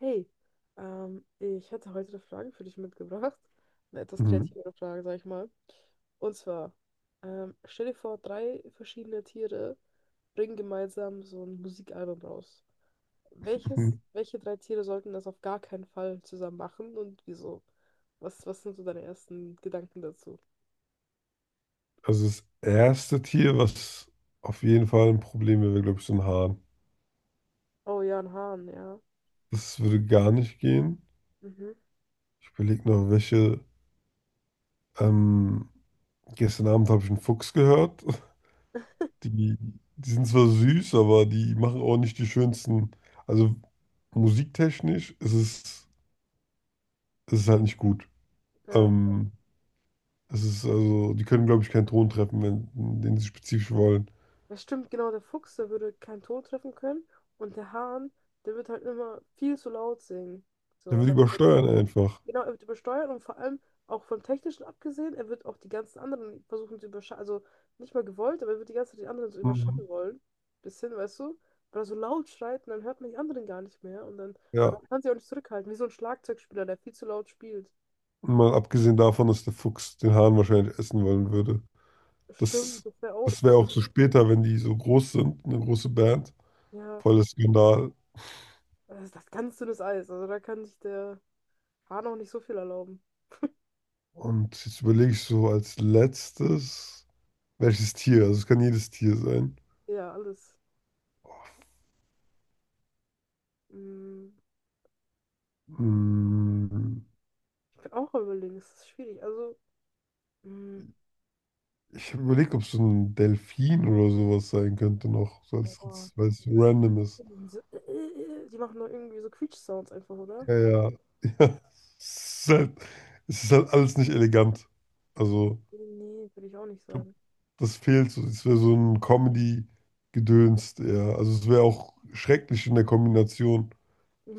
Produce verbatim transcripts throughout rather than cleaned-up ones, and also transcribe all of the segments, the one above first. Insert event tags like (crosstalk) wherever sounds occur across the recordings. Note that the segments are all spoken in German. Hey, ähm, ich hätte heute eine Frage für dich mitgebracht. Eine etwas Mhm. kreativere Frage, sag ich mal. Und zwar, ähm, stell dir vor, drei verschiedene Tiere bringen gemeinsam so ein Musikalbum raus. Welches, Mhm. welche drei Tiere sollten das auf gar keinen Fall zusammen machen und wieso? Was, was sind so deine ersten Gedanken dazu? Also das erste Tier, was auf jeden Fall ein Problem wäre, glaube ich, so ein Hahn. Oh ja, ein Hahn, ja. Das würde gar nicht gehen. Mhm. Ich überlege noch, welche. Ähm, gestern Abend habe ich einen Fuchs gehört. (laughs) Die, die sind zwar süß, aber die machen auch nicht die schönsten. Also musiktechnisch ist es, ist es halt nicht gut. Ja, Ähm, es ist also, die können, glaube ich, keinen Ton treffen, wenn, den sie spezifisch wollen. das stimmt, genau, der Fuchs, der würde keinen Ton treffen können und der Hahn, der wird halt immer viel zu laut singen. Dann So, wird ne? übersteuern einfach. Genau, er wird übersteuert und vor allem auch vom Technischen abgesehen, er wird auch die ganzen anderen versuchen zu überschatten, also nicht mal gewollt, aber er wird die ganze Zeit die anderen so überschatten Mhm. wollen. Bisschen, weißt du? Weil er so laut schreit und dann hört man die anderen gar nicht mehr und dann Ja. man kann sie auch nicht zurückhalten, wie so ein Schlagzeugspieler, der viel zu laut spielt. Mal abgesehen davon, dass der Fuchs den Hahn wahrscheinlich essen wollen würde. Stimmt, Das, das wäre auch das wäre auch doof. so später, wenn die so groß sind, eine große Band. Ja, Voller Skandal. das ist das ganz dünnes Eis, also da kann sich der Hahn auch nicht so viel erlauben. Und jetzt überlege ich so als letztes, welches Tier? Also es kann jedes Tier sein. Ja, alles. Mm, Hm, Ich bin auch am überlegen, es ist schwierig. Also, mm, ich überlege, ob es so ein Delfin oder sowas sein könnte noch, so boah. als, weil es random ist. Irgendwie so, äh, äh, äh, die machen doch irgendwie so Quietsch-Sounds einfach, oder? Ja, ja. (laughs) Ja. Es ist halt, es ist halt alles nicht elegant. Also. Nee, würde ich auch nicht sagen. Das fehlt so. Es wäre so ein Comedy-Gedöns eher. Also es wäre auch schrecklich in der Kombination.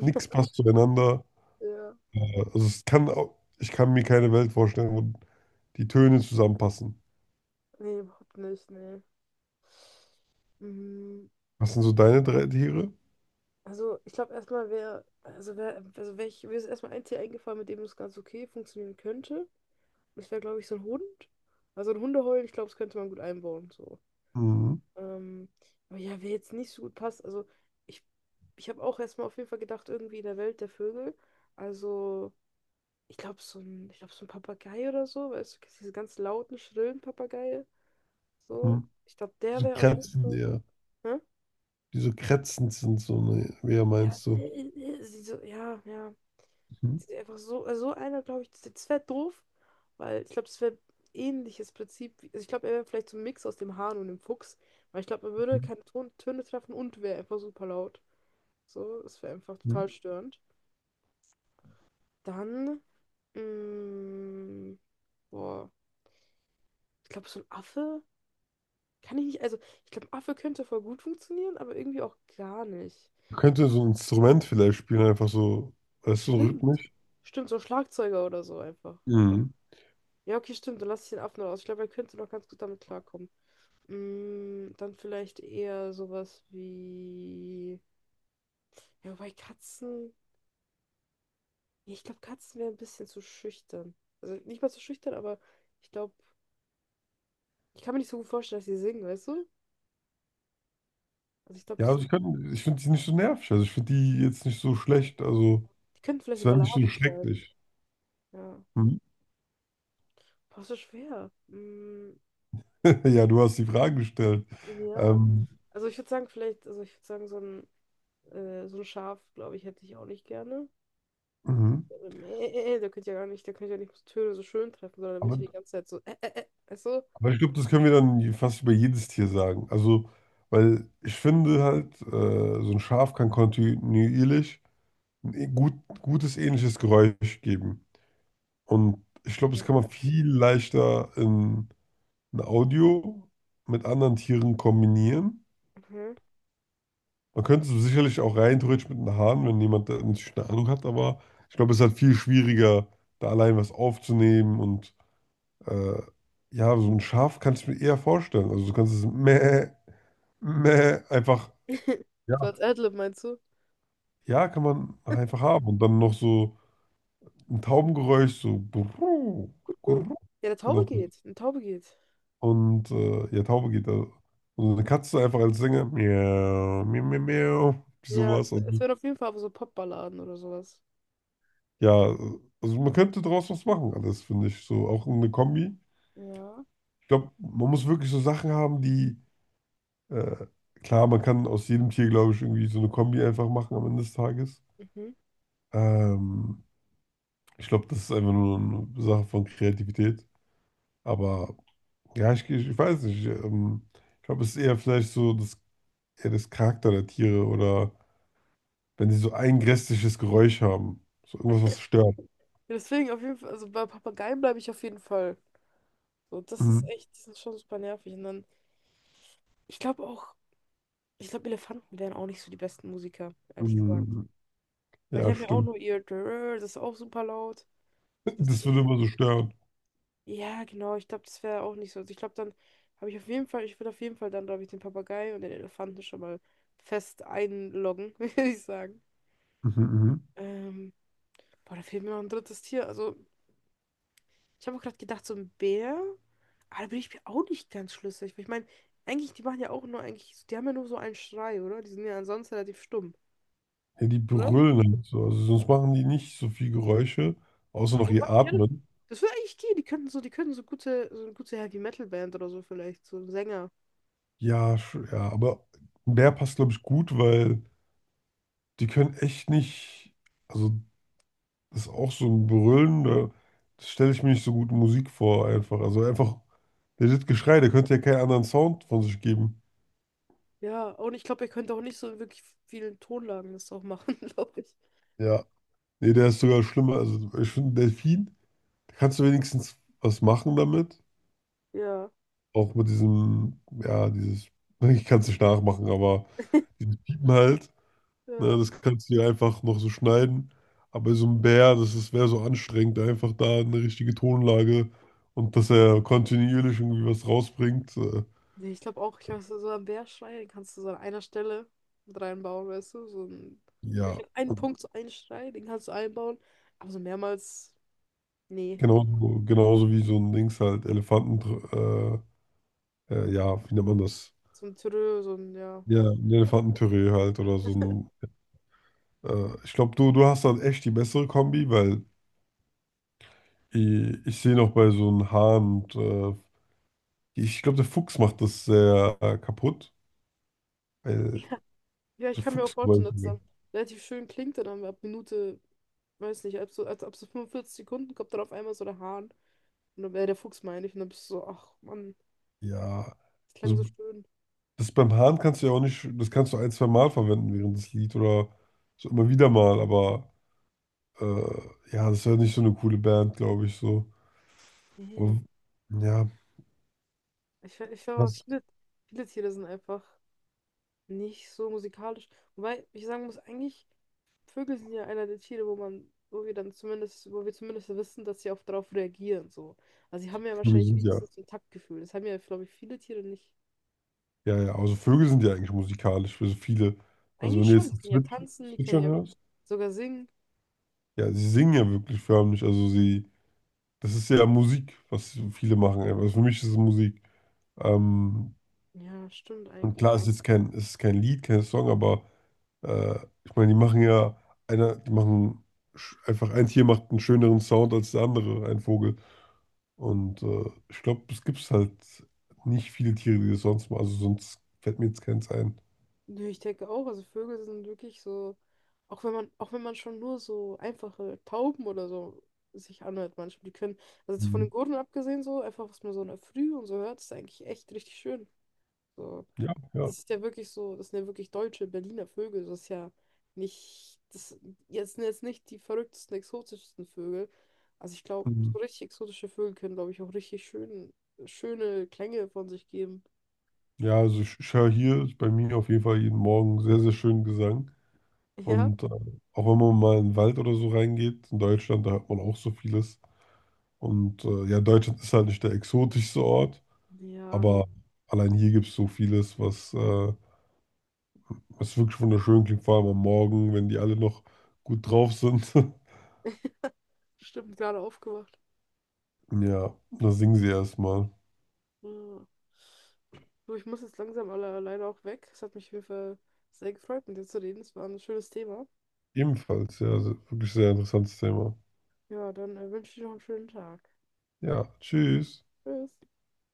Nichts passt zueinander. Ja. Äh, Also es kann auch, ich kann mir keine Welt vorstellen, wo die Töne zusammenpassen. Nee, überhaupt nicht, nee. Mm. Was sind so deine drei Tiere? Also, ich glaube erstmal wäre, also wäre, also wär ich, mir ist erstmal ein Tier eingefallen, mit dem es ganz okay funktionieren könnte. Das wäre, glaube ich, so ein Hund. Also ein Hundeheulen, ich glaube, das könnte man gut einbauen. So. Mhm. Ähm, aber ja, wer jetzt nicht so gut passt, also ich, ich habe auch erstmal auf jeden Fall gedacht, irgendwie in der Welt der Vögel. Also, ich glaube, so ein, ich glaube, so ein Papagei oder so, weißt du, kennst du diese ganz lauten, schrillen Papageien. So, Mhm. ich glaube, Die der so wäre auf jeden kratzen Fall. eher. Hä? Die so kratzend sind, so, ne, wer Ja, meinst du? äh, äh, sie so, ja, ja. Mhm. Sie sind einfach so, also so einer, glaube ich, das, das wäre doof, weil ich glaube, das wäre ähnliches Prinzip. Wie- Also ich glaube, er wäre vielleicht so ein Mix aus dem Hahn und dem Fuchs, weil ich glaube, man würde Mhm. keine Ton Töne treffen und wäre einfach super laut. So, das wäre einfach Mhm. total störend. Dann, mh, boah, ich glaube, so ein Affe kann ich nicht, also ich glaube, ein Affe könnte voll gut funktionieren, aber irgendwie auch gar nicht. Man könnte so ein Instrument vielleicht spielen, einfach so, weißt du, Stimmt. rhythmisch. Stimmt, so ein Schlagzeuger oder so einfach. Mhm. Ja, okay, stimmt, dann lasse ich den Affen raus. Ich glaube, er könnte noch ganz gut damit klarkommen. Mm, dann vielleicht eher sowas wie. Ja, wobei Katzen. Ja, ich glaube, Katzen wären ein bisschen zu schüchtern. Also nicht mal zu schüchtern, aber ich glaube, ich kann mir nicht so gut vorstellen, dass sie singen, weißt du? Also ich glaube, Ja, die also sind. ich, kann- ich finde die nicht so nervig. Also ich finde die jetzt nicht so schlecht. Ja, Also. die könnten vielleicht Ist so ja nicht so Balladen schreiben. schrecklich. Ja. Mhm. Boah, so schwer. Mm, (laughs) Ja, du hast die Frage gestellt. ja. Ähm, Also ich würde sagen, vielleicht, also ich würde sagen, so ein, äh, so ein Schaf, glaube ich, hätte ich auch nicht gerne. (laughs) mhm. Äh, Mäh, der könnte ja gar nicht, der könnte ja nicht so Töne so schön treffen, sondern der wird ja die aber, ganze Zeit so, äh, äh, äh, weißt du? aber ich glaube, das können wir dann je- fast über jedes Tier sagen. Also, weil ich finde halt, äh, so ein Schaf kann kontinuierlich ein e- gut, gutes ähnliches Geräusch geben. Und ich glaube, das kann man Ja. viel leichter in ein Audio mit anderen Tieren kombinieren. Mhm. Man könnte es sicherlich auch rein theoretisch mit den Haaren, wenn jemand da natürlich eine Ahnung hat, aber ich glaube, es ist halt viel schwieriger, da allein was aufzunehmen und äh, ja, so ein Schaf kann ich mir eher vorstellen. Also du kannst es meh, meh, einfach, (laughs) ja, So als Adlib meinst du? ja, kann man einfach haben und dann noch so ein Taubengeräusch, so gurru, (laughs) gurru, Ja, der Taube noch. geht. Eine Taube geht. Und äh, ja, Taube geht da. Und eine Katze einfach als Sänger, miau, miau, miau, miau, Ja, sowas. es Also, es wären auf jeden Fall aber so Popballaden oder sowas. ja, also man könnte draus was machen, alles finde ich so. Auch eine Kombi. Ja. Ich glaube, man muss wirklich so Sachen haben, die, äh, klar, man kann aus jedem Tier, glaube ich, irgendwie so eine Kombi einfach machen am Ende des Tages. Mhm. Ähm, ich glaube, das ist einfach nur eine Sache von Kreativität. Aber ja, ich, ich, ich weiß nicht. Ähm, ich glaube, es ist eher vielleicht so das, eher das Charakter der Tiere oder wenn sie so ein grässliches Geräusch haben. So irgendwas, was stört. Ja, deswegen auf jeden Fall, also bei Papageien bleibe ich auf jeden Fall. So, das ist Mhm. echt, die sind schon super nervig. Und dann, ich glaube auch, ich glaube, Elefanten wären auch nicht so die besten Musiker, ehrlich gesagt. Mhm. Weil die Ja, haben ja auch stimmt. nur ihr, das ist auch super laut. (laughs) Das, Das würde immer so stören. ja, genau, ich glaube, das wäre auch nicht so. Also ich glaube, dann habe ich auf jeden Fall, ich würde auf jeden Fall dann, glaube ich, den Papagei und den Elefanten schon mal fest einloggen, (laughs) würde ich sagen. Mhm, mhm. Ähm, boah, da fehlt mir noch ein drittes Tier. Also, ich habe auch gerade gedacht, so ein Bär. Aber da bin ich mir auch nicht ganz schlüssig. Weil ich meine, eigentlich, die machen ja auch nur eigentlich, die haben ja nur so einen Schrei, oder? Die sind ja ansonsten relativ stumm, Ja, die oder? brüllen halt so. Also sonst machen die nicht so viel Geräusche, außer noch Wobei, ihr ja, Atmen. das würde eigentlich gehen. Die könnten so, die könnten so gute, so eine gute Heavy Metal Band oder so vielleicht, so ein Sänger. Ja, sch- ja, aber der passt, glaube ich, gut, weil die können echt nicht. Also, das ist auch so ein Brüllen, da, das stelle ich mir nicht so gut in Musik vor, einfach. Also, einfach, der das Geschrei, der könnte ja keinen anderen Sound von sich geben. Ja, und ich glaube, er könnte auch nicht so in wirklich vielen Tonlagen das auch machen, (laughs) glaube ich. Ja. Nee, der ist sogar schlimmer. Also, ich finde, Delfin, da kannst du wenigstens was machen damit. Ja, Auch mit diesem, ja, dieses, (laughs) ich kann es nicht nachmachen, aber dieses Piepen halt. Ne, ja. das kannst du ja einfach noch so schneiden. Aber so ein Bär, das ist, wäre so anstrengend, einfach da eine richtige Tonlage und dass er kontinuierlich irgendwie was rausbringt. Äh, Nee, ich glaube auch, ich glaube, so so einen Bärschrei, den kannst du so an einer Stelle mit reinbauen, weißt du? So einen, ja, wirklich an einen und Punkt so einen Schrei, den kannst du einbauen. Aber so mehrmals, nee. genauso, genauso wie so ein Dings halt, Elefanten, äh, äh, ja, wie nennt man das? So ein Türö, so ein, ja. Ja, ein Elefantentüree halt oder so ein. Äh, ich glaube, du, du hast dann echt die bessere Kombi, weil ich, ich sehe noch bei so einem Hahn und äh, ich glaube, der Fuchs macht das sehr äh, kaputt. Weil Ja. Ja, ich so kann mir auch Fuchs vorstellen, dass es dann relativ schön klingt und dann ab Minute, weiß nicht, ab so, als ab so fünfundvierzig Sekunden kommt dann auf einmal so der Hahn. Und dann, wäre der Fuchs meine ich. Und dann bist du so, ach Mann, ja, das klang so also schön. das beim Hahn kannst du ja auch nicht, das kannst du ein, zwei Mal verwenden während des Lied oder so immer wieder mal, aber äh, ja, das ist ja nicht so eine coole Band, glaube ich, so. Nee. Aber ja, Ich, ich glaube, was? viele, viele Tiere sind einfach nicht so musikalisch. Wobei ich sagen muss, eigentlich. Vögel sind ja einer der Tiere, wo man, wo wir dann zumindest, wo wir zumindest wissen, dass sie auch darauf reagieren, so. Also sie haben ja Vögel wahrscheinlich sind ja, wenigstens so ein Taktgefühl. Das haben ja, glaube ich, viele Tiere nicht. ja, ja, also Vögel sind ja eigentlich musikalisch für so viele. Also wenn Eigentlich du schon, die jetzt können ja Zwitsch tanzen, die können Zwitschern ja hörst, sogar singen. ja, sie singen ja wirklich förmlich, also sie, das ist ja Musik, was viele machen, also für mich ist es Musik. Ähm, Ja, stimmt und eigentlich. klar, es ist jetzt kein, es ist kein Lied, kein Song, aber Äh, ich meine, die machen ja einer, die machen sch- einfach ein Tier macht einen schöneren Sound als der andere, ein Vogel. Und äh, ich glaube, es gibt halt nicht viele Tiere, die das sonst machen. Also sonst fällt mir jetzt keins ein. Nö, ich denke auch, also Vögel sind wirklich so, auch wenn man, auch wenn man schon nur so einfache Tauben oder so sich anhört manchmal, die können, also jetzt von den Mhm. Gurren abgesehen so, einfach was man so in der Früh und so hört, ist eigentlich echt richtig schön. So. Ja, ja. Das ist ja wirklich so, das sind ja wirklich deutsche Berliner Vögel. Das ist ja nicht, das jetzt sind jetzt nicht die verrücktesten, exotischsten Vögel. Also ich glaube, so Mhm. richtig exotische Vögel können, glaube ich, auch richtig schön, schöne Klänge von sich geben. Ja, also ich, ich höre hier bei mir auf jeden Fall jeden Morgen sehr, sehr schönen Gesang. Ja? Und äh, auch wenn man mal in den Wald oder so reingeht, in Deutschland, da hört man auch so vieles. Und äh, ja, Deutschland ist halt nicht der exotischste Ort, Ja, aber allein hier gibt es so vieles, was äh, es ist wirklich wunderschön, klingt vor allem am Morgen, wenn die alle noch gut drauf sind. (laughs) stimmt, gerade aufgewacht. Ja, da singen sie erstmal. Ja. Du, ich muss jetzt langsam alle, leider auch weg. Es hat mich auf jeden Fall sehr gefreut, mit dir zu reden. Es war ein schönes Thema. Ebenfalls, ja, se- wirklich sehr interessantes Thema. Ja, dann äh, wünsche ich dir noch einen schönen Tag. Ja, tschüss. Tschüss.